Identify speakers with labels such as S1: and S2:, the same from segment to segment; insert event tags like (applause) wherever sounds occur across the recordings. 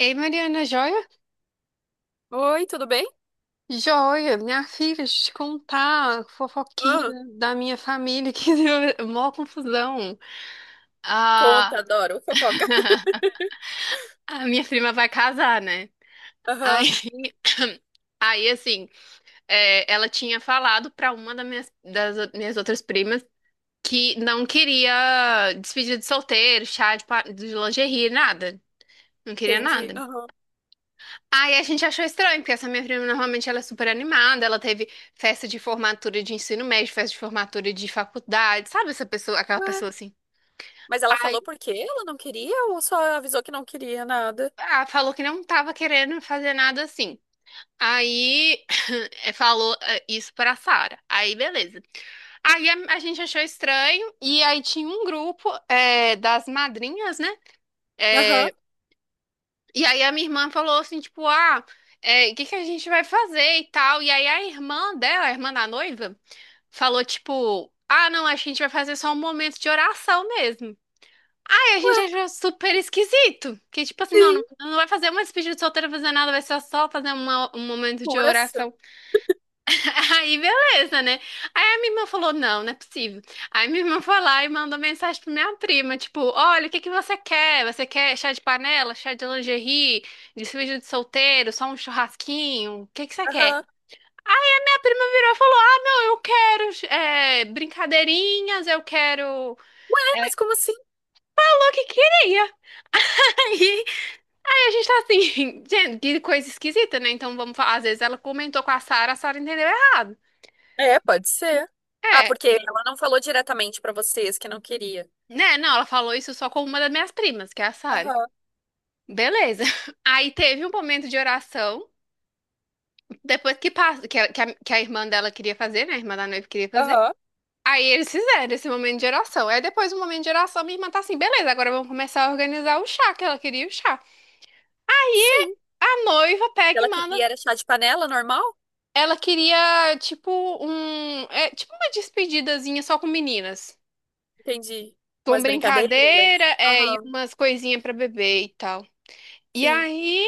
S1: Ei, Mariana, joia?
S2: Oi, tudo bem?
S1: Joia, minha filha, deixa eu te contar, fofoquinha
S2: Ah,
S1: da minha família, que (laughs) deu mó confusão. A,
S2: conta, adoro fofoca. (laughs)
S1: a minha prima vai casar, né? Aí,
S2: Aham,
S1: (clears throat) (coughs) aí assim, ela tinha falado pra uma das minhas, das minhas outras primas que não queria despedida de solteiro, chá de, de lingerie, nada. Não queria
S2: entendi.
S1: nada.
S2: Aham.
S1: Aí a gente achou estranho, porque essa minha prima normalmente ela é super animada, ela teve festa de formatura de ensino médio, festa de formatura de faculdade, sabe essa pessoa, aquela
S2: Ué,
S1: pessoa assim.
S2: mas ela
S1: Aí
S2: falou por quê? Ela não queria ou só avisou que não queria nada?
S1: ah, falou que não tava querendo fazer nada assim. Aí (laughs) (clears throat) falou isso pra Sara. Aí beleza. Aí a gente achou estranho, e aí tinha um grupo das madrinhas, né?
S2: Aham.
S1: É, e aí a minha irmã falou assim, tipo, ah, é, o que que a gente vai fazer e tal. E aí a irmã dela, a irmã da noiva, falou tipo, ah, não, acho que a gente vai fazer só um momento de oração mesmo. Aí a
S2: Ué,
S1: gente achou super esquisito. Que tipo assim, não,
S2: sim,
S1: não vai fazer uma despedida de solteiro, fazer nada, vai ser só fazer um momento
S2: uma
S1: de
S2: oração.
S1: oração. (laughs) Aí beleza, né? Aí a minha irmã falou, não, não é possível. Aí minha irmã foi lá e mandou mensagem pra minha prima, tipo, olha, o que que você quer? Você quer chá de panela, chá de lingerie, despedida de solteiro, só um churrasquinho? O que que você quer?
S2: Aham.
S1: Prima virou e falou: ah, não, eu quero é, brincadeirinhas, eu quero.
S2: Ué,
S1: É.
S2: mas como assim?
S1: Falou que queria. (laughs) Aí, aí, a gente tá assim, (laughs) gente, que coisa esquisita, né? Então vamos falar. Às vezes ela comentou com a Sara entendeu errado.
S2: É, pode ser. Ah,
S1: É,
S2: porque ela não falou diretamente pra vocês que não queria.
S1: né? Não, ela falou isso só com uma das minhas primas, que é a Sara.
S2: Aham,
S1: Beleza. (laughs) Aí teve um momento de oração, depois que passa, que a irmã dela queria fazer, né? A irmã da noiva queria fazer.
S2: aham.
S1: Aí eles fizeram esse momento de oração. Aí depois do momento de oração, minha irmã tá assim, beleza, agora vamos começar a organizar o chá, que ela queria o chá. Aí
S2: Sim.
S1: a noiva pega e
S2: Ela
S1: manda.
S2: queria era chá de panela normal?
S1: Ela queria, tipo, um. É, tipo uma despedidazinha só com meninas.
S2: Entendi.
S1: Com
S2: Umas
S1: brincadeira,
S2: brincadeiras.
S1: é, e
S2: Aham,
S1: umas coisinhas pra beber e tal. E
S2: sim.
S1: aí,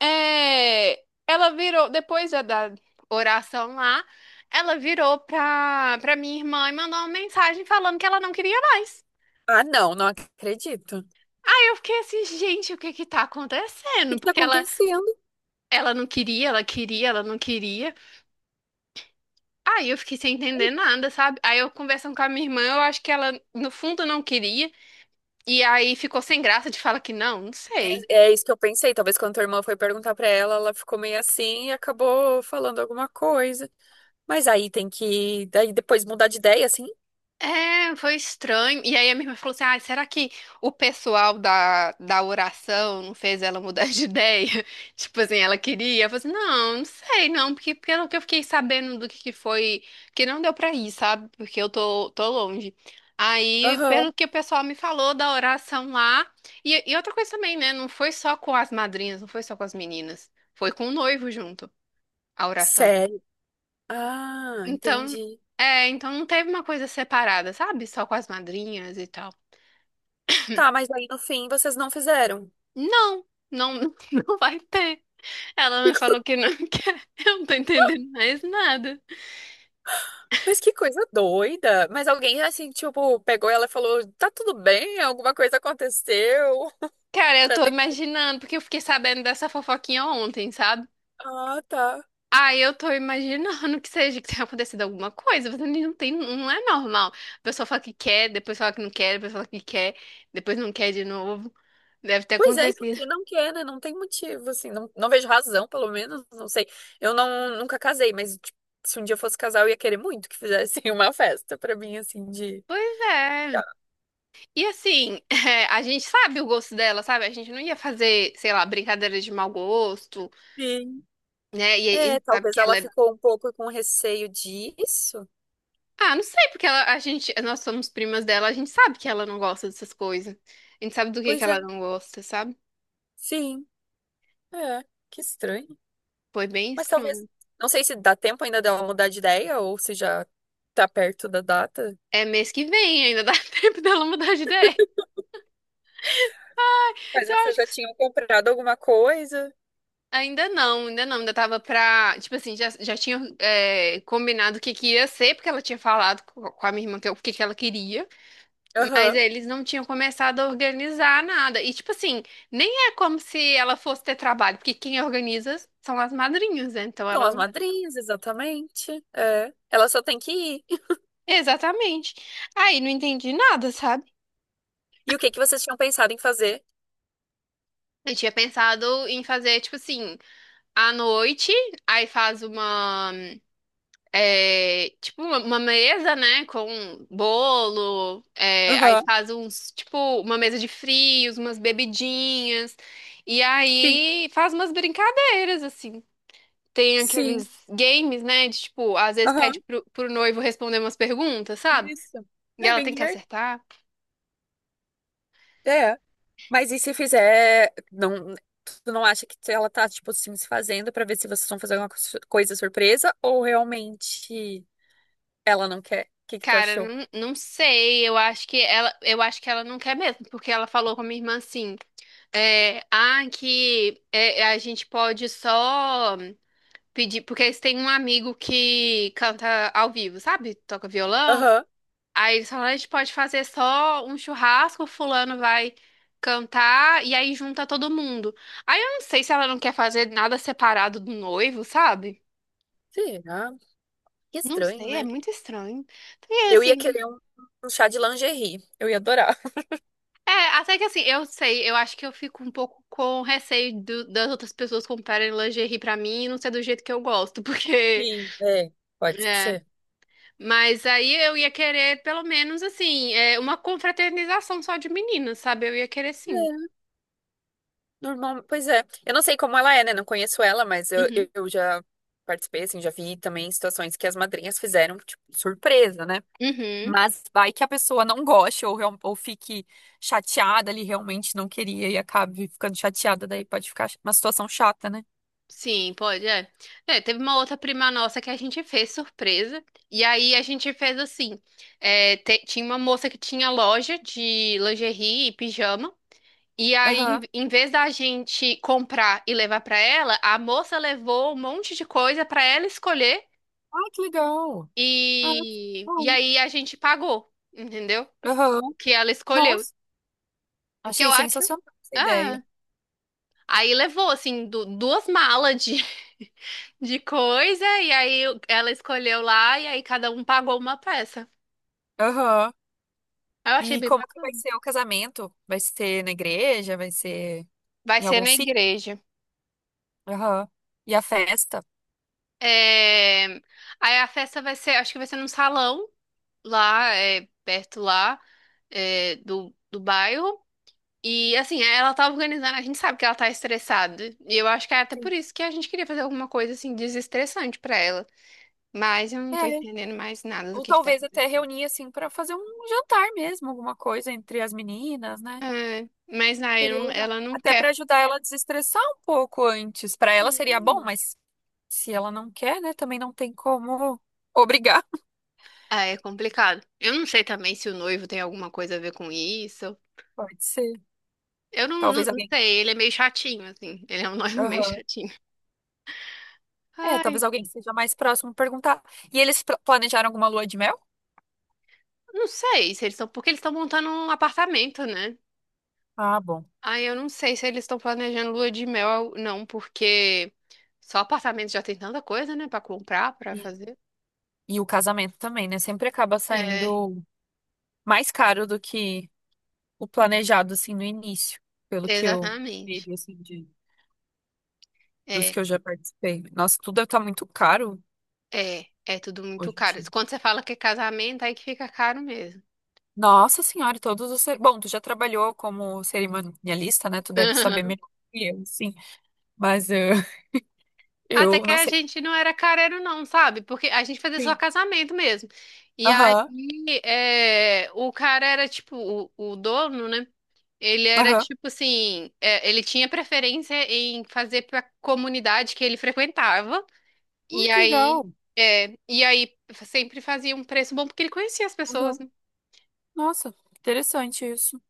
S1: é, ela virou, depois da oração lá, ela virou pra minha irmã e mandou uma mensagem falando que ela não queria mais.
S2: Ah, não, não acredito. O
S1: Aí eu fiquei assim, gente, o que que tá
S2: que
S1: acontecendo?
S2: que tá
S1: Porque ela,
S2: acontecendo?
S1: ela não queria, ela queria, ela não queria. Aí eu fiquei sem entender nada, sabe? Aí eu conversando com a minha irmã, eu acho que ela no fundo não queria. E aí ficou sem graça de falar que não, não sei.
S2: É, é isso que eu pensei. Talvez quando tua irmã foi perguntar pra ela, ela ficou meio assim e acabou falando alguma coisa. Mas aí tem que, daí depois mudar de ideia, assim.
S1: É, foi estranho. E aí a minha irmã falou assim: ah, será que o pessoal da oração não fez ela mudar de ideia? (laughs) Tipo assim, ela queria. Eu falei assim: não, não sei, não, porque pelo que eu fiquei sabendo do que foi, que não deu pra ir, sabe? Porque eu tô longe. Aí,
S2: Aham.
S1: pelo que o pessoal me falou da oração lá. E outra coisa também, né? Não foi só com as madrinhas, não foi só com as meninas. Foi com o noivo junto, a oração.
S2: Sério? Ah,
S1: Então,
S2: entendi.
S1: é, então não teve uma coisa separada, sabe? Só com as madrinhas e tal.
S2: Tá, mas aí no fim vocês não fizeram.
S1: Não, não, (laughs) não vai ter. Ela
S2: Que
S1: me
S2: co-
S1: falou que não (laughs) quer. Eu não tô entendendo mais nada.
S2: (laughs) Mas que coisa doida. Mas alguém assim, tipo, pegou ela e falou: tá tudo bem, alguma coisa aconteceu. (laughs)
S1: Cara, eu
S2: Pra
S1: tô
S2: ter
S1: imaginando, porque eu fiquei sabendo dessa fofoquinha ontem, sabe?
S2: Ah, tá.
S1: Aí eu tô imaginando que seja que tenha acontecido alguma coisa, mas não tem, não é normal. A pessoa fala que quer, depois fala que não quer, depois fala que quer, depois não quer de novo. Deve ter
S2: Pois é, e por
S1: acontecido.
S2: que não quer, né? Não tem motivo, assim. Não, não vejo razão, pelo menos. Não sei. Eu não, nunca casei, mas tipo, se um dia eu fosse casar, eu ia querer muito que fizessem (laughs) uma festa pra mim, assim, de.
S1: Pois é.
S2: Ah,
S1: E assim, (laughs) é, a gente sabe o gosto dela, sabe? A gente não ia fazer, sei lá, brincadeira de mau gosto,
S2: sim.
S1: né? E,
S2: É,
S1: e sabe
S2: talvez
S1: que
S2: ela
S1: ela é.
S2: ficou um pouco com receio disso.
S1: Ah, não sei, porque ela, a gente, nós somos primas dela, a gente sabe que ela não gosta dessas coisas. A gente sabe do que
S2: Pois é,
S1: ela não gosta, sabe?
S2: sim. É, que estranho.
S1: Foi bem
S2: Mas talvez.
S1: estranho.
S2: Não sei se dá tempo ainda dela mudar de ideia ou se já tá perto da data.
S1: É mês que vem, ainda dá (laughs) tempo dela mudar de ideia.
S2: Mas
S1: Isso eu
S2: vocês
S1: acho
S2: já
S1: que.
S2: tinham comprado alguma coisa?
S1: Ainda não, ainda não, ainda tava pra. Tipo assim, já tinha é, combinado o que que ia ser, porque ela tinha falado com a minha irmã que, o que que ela queria. Mas
S2: Aham.
S1: eles não tinham começado a organizar nada. E, tipo assim, nem é como se ela fosse ter trabalho, porque quem organiza são as madrinhas, né? Então
S2: São as
S1: ela.
S2: madrinhas, exatamente. É. Ela só tem que ir.
S1: Exatamente. Aí não entendi nada, sabe?
S2: E o que que vocês tinham pensado em fazer?
S1: Eu tinha pensado em fazer, tipo assim, à noite, aí faz uma. É, tipo, uma mesa, né? Com bolo, é, aí
S2: Aham,
S1: faz uns. Tipo, uma mesa de frios, umas bebidinhas. E
S2: sim,
S1: aí faz umas brincadeiras, assim. Tem
S2: sim,
S1: aqueles games, né? De, tipo, às vezes pede
S2: aham,
S1: pro noivo responder umas perguntas, sabe?
S2: isso.
S1: E
S2: É
S1: ela
S2: bem
S1: tem que
S2: divertido.
S1: acertar.
S2: É, mas e se fizer, não, tu não acha que ela tá, tipo assim, se fazendo pra ver se vocês vão fazer alguma co- coisa surpresa ou realmente ela não quer? O que que tu
S1: Cara,
S2: achou?
S1: não, não sei. Eu acho que ela, eu acho que ela não quer mesmo, porque ela falou com a minha irmã assim, é, ah, que é, a gente pode só pedir, porque eles têm um amigo que canta ao vivo, sabe? Toca violão.
S2: Aham.
S1: Aí eles falaram, a gente pode fazer só um churrasco, fulano vai cantar e aí junta todo mundo. Aí eu não sei se ela não quer fazer nada separado do noivo, sabe?
S2: Será? Que
S1: Não
S2: estranho,
S1: sei, é
S2: né?
S1: muito estranho. E é
S2: Eu ia
S1: assim,
S2: querer um, um chá de lingerie. Eu ia adorar.
S1: é, até que assim, eu sei, eu acho que eu fico um pouco com receio das outras pessoas comprarem lingerie pra mim e não ser do jeito que eu gosto, (laughs) porque
S2: Sim, é, pode
S1: é,
S2: ser.
S1: mas aí eu ia querer pelo menos assim, é, uma confraternização só de meninas, sabe? Eu ia querer sim.
S2: Normal, pois é. Eu não sei como ela é, né? Não conheço ela, mas eu,
S1: Uhum.
S2: eu já participei, assim, já vi também situações que as madrinhas fizeram, tipo, surpresa, né?
S1: Uhum.
S2: Mas vai que a pessoa não goste ou, real- ou fique chateada ali, realmente não queria e acabe ficando chateada, daí pode ficar uma situação chata, né?
S1: Sim, pode, é. É, teve uma outra prima nossa que a gente fez surpresa. E aí a gente fez assim: é, tinha uma moça que tinha loja de lingerie e pijama. E aí, em,
S2: Aham.
S1: em vez da gente comprar e levar pra ela, a moça levou um monte de coisa pra ela escolher.
S2: Ai, que legal. Ah, que
S1: E
S2: bom.
S1: aí a gente pagou, entendeu?
S2: Aham.
S1: O que ela escolheu.
S2: Nossa,
S1: O que eu
S2: achei
S1: acho.
S2: sensacional essa ideia.
S1: É. Aí levou, assim, duas malas de, (laughs) de coisa, e aí ela escolheu lá, e aí cada um pagou uma peça.
S2: Aham.
S1: Aí eu achei
S2: E
S1: bem
S2: como que vai
S1: bacana.
S2: ser o casamento? Vai ser na igreja? Vai ser
S1: Vai
S2: em
S1: ser
S2: algum
S1: na
S2: sítio?
S1: igreja.
S2: Aham. E a festa?
S1: É, aí a festa vai ser, acho que vai ser num salão lá, é, perto lá, é, do bairro. E assim, ela tá organizando, a gente sabe que ela tá estressada. E eu acho que é até por
S2: Sim.
S1: isso que a gente queria fazer alguma coisa assim desestressante pra ela. Mas eu não tô
S2: É.
S1: entendendo mais nada do
S2: Ou
S1: que tá
S2: talvez até
S1: acontecendo.
S2: reunir, assim, pra fazer um jantar mesmo, alguma coisa entre as meninas, né?
S1: É, mas aí
S2: Seria
S1: não-
S2: legal.
S1: ela não
S2: Até
S1: quer.
S2: pra ajudar ela a desestressar um pouco antes. Pra ela seria bom,
S1: Sim.
S2: mas se ela não quer, né? Também não tem como obrigar. (laughs)
S1: Ah, é complicado. Eu não sei também se o noivo tem alguma coisa a ver com isso.
S2: Pode ser.
S1: Eu não,
S2: Talvez
S1: não
S2: alguém.
S1: sei, ele é meio chatinho, assim. Ele é um (laughs) noivo meio
S2: Aham.
S1: chatinho.
S2: É,
S1: Ai,
S2: talvez alguém que seja mais próximo perguntar. E eles pl- planejaram alguma lua de mel?
S1: não sei se eles estão. Porque eles estão montando um apartamento, né?
S2: Ah, bom.
S1: Ai, eu não sei se eles estão planejando lua de mel, não, porque só apartamento já tem tanta coisa, né, pra comprar, pra
S2: E,
S1: fazer.
S2: e o casamento também, né? Sempre acaba
S1: É,
S2: saindo mais caro do que o planejado, assim, no início, pelo que eu vi
S1: exatamente.
S2: assim, de, dos
S1: É,
S2: que eu já participei. Nossa, tudo tá muito caro
S1: é tudo muito
S2: hoje em
S1: caro.
S2: dia.
S1: Quando você fala que é casamento, aí que fica caro mesmo.
S2: Nossa senhora, todos os... cer- Bom, tu já trabalhou como cerimonialista, né? Tu deve saber
S1: Aham.
S2: melhor que eu, sim. Mas (laughs)
S1: Até
S2: eu
S1: que
S2: não
S1: a
S2: sei.
S1: gente não era careiro, não, sabe? Porque a gente fazia só
S2: Sim.
S1: casamento mesmo. E aí,
S2: Aham,
S1: é, o cara era tipo, o dono, né? Ele era
S2: aham.
S1: tipo assim, é, ele tinha preferência em fazer pra comunidade que ele frequentava.
S2: Ai,
S1: E
S2: que
S1: aí,
S2: legal.
S1: é, e aí sempre fazia um preço bom porque ele conhecia as
S2: Aham.
S1: pessoas, né?
S2: Nossa, interessante isso.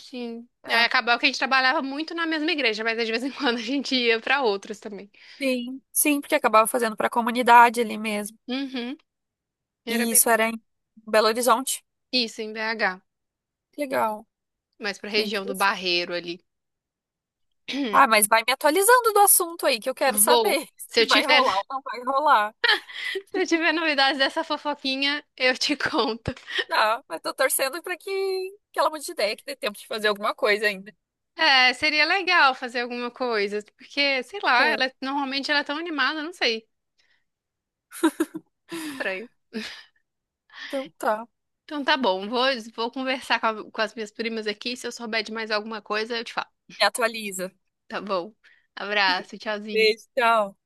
S1: Sim. Aí
S2: É.
S1: acabava que a gente trabalhava muito na mesma igreja, mas de vez em quando a gente ia pra outras também.
S2: Sim, sim, porque acabava fazendo para a comunidade ali mesmo.
S1: Uhum.
S2: E
S1: Era bem
S2: isso era
S1: bacana.
S2: em Belo Horizonte.
S1: Isso, em BH.
S2: Que legal,
S1: Mais pra
S2: bem
S1: região do
S2: interessante.
S1: Barreiro ali.
S2: Ah, mas
S1: (clears throat)
S2: vai me atualizando do assunto aí, que eu quero
S1: Vou.
S2: saber (laughs)
S1: Se eu
S2: se vai
S1: tiver,
S2: rolar
S1: (laughs)
S2: ou não vai rolar.
S1: se eu tiver novidades dessa fofoquinha, eu te (laughs) conto.
S2: Tá, mas tô torcendo pra que, que ela mude de ideia, que dê tempo de fazer alguma coisa ainda.
S1: É, seria legal fazer alguma coisa, porque, sei lá,
S2: É,
S1: ela normalmente ela é tão animada, não sei. Estranho.
S2: então tá.
S1: Então tá bom, vou conversar com, com as minhas primas aqui. Se eu souber de mais alguma coisa, eu te falo.
S2: Me atualiza.
S1: Tá bom. Abraço, tchauzinho.
S2: Beijo, tchau.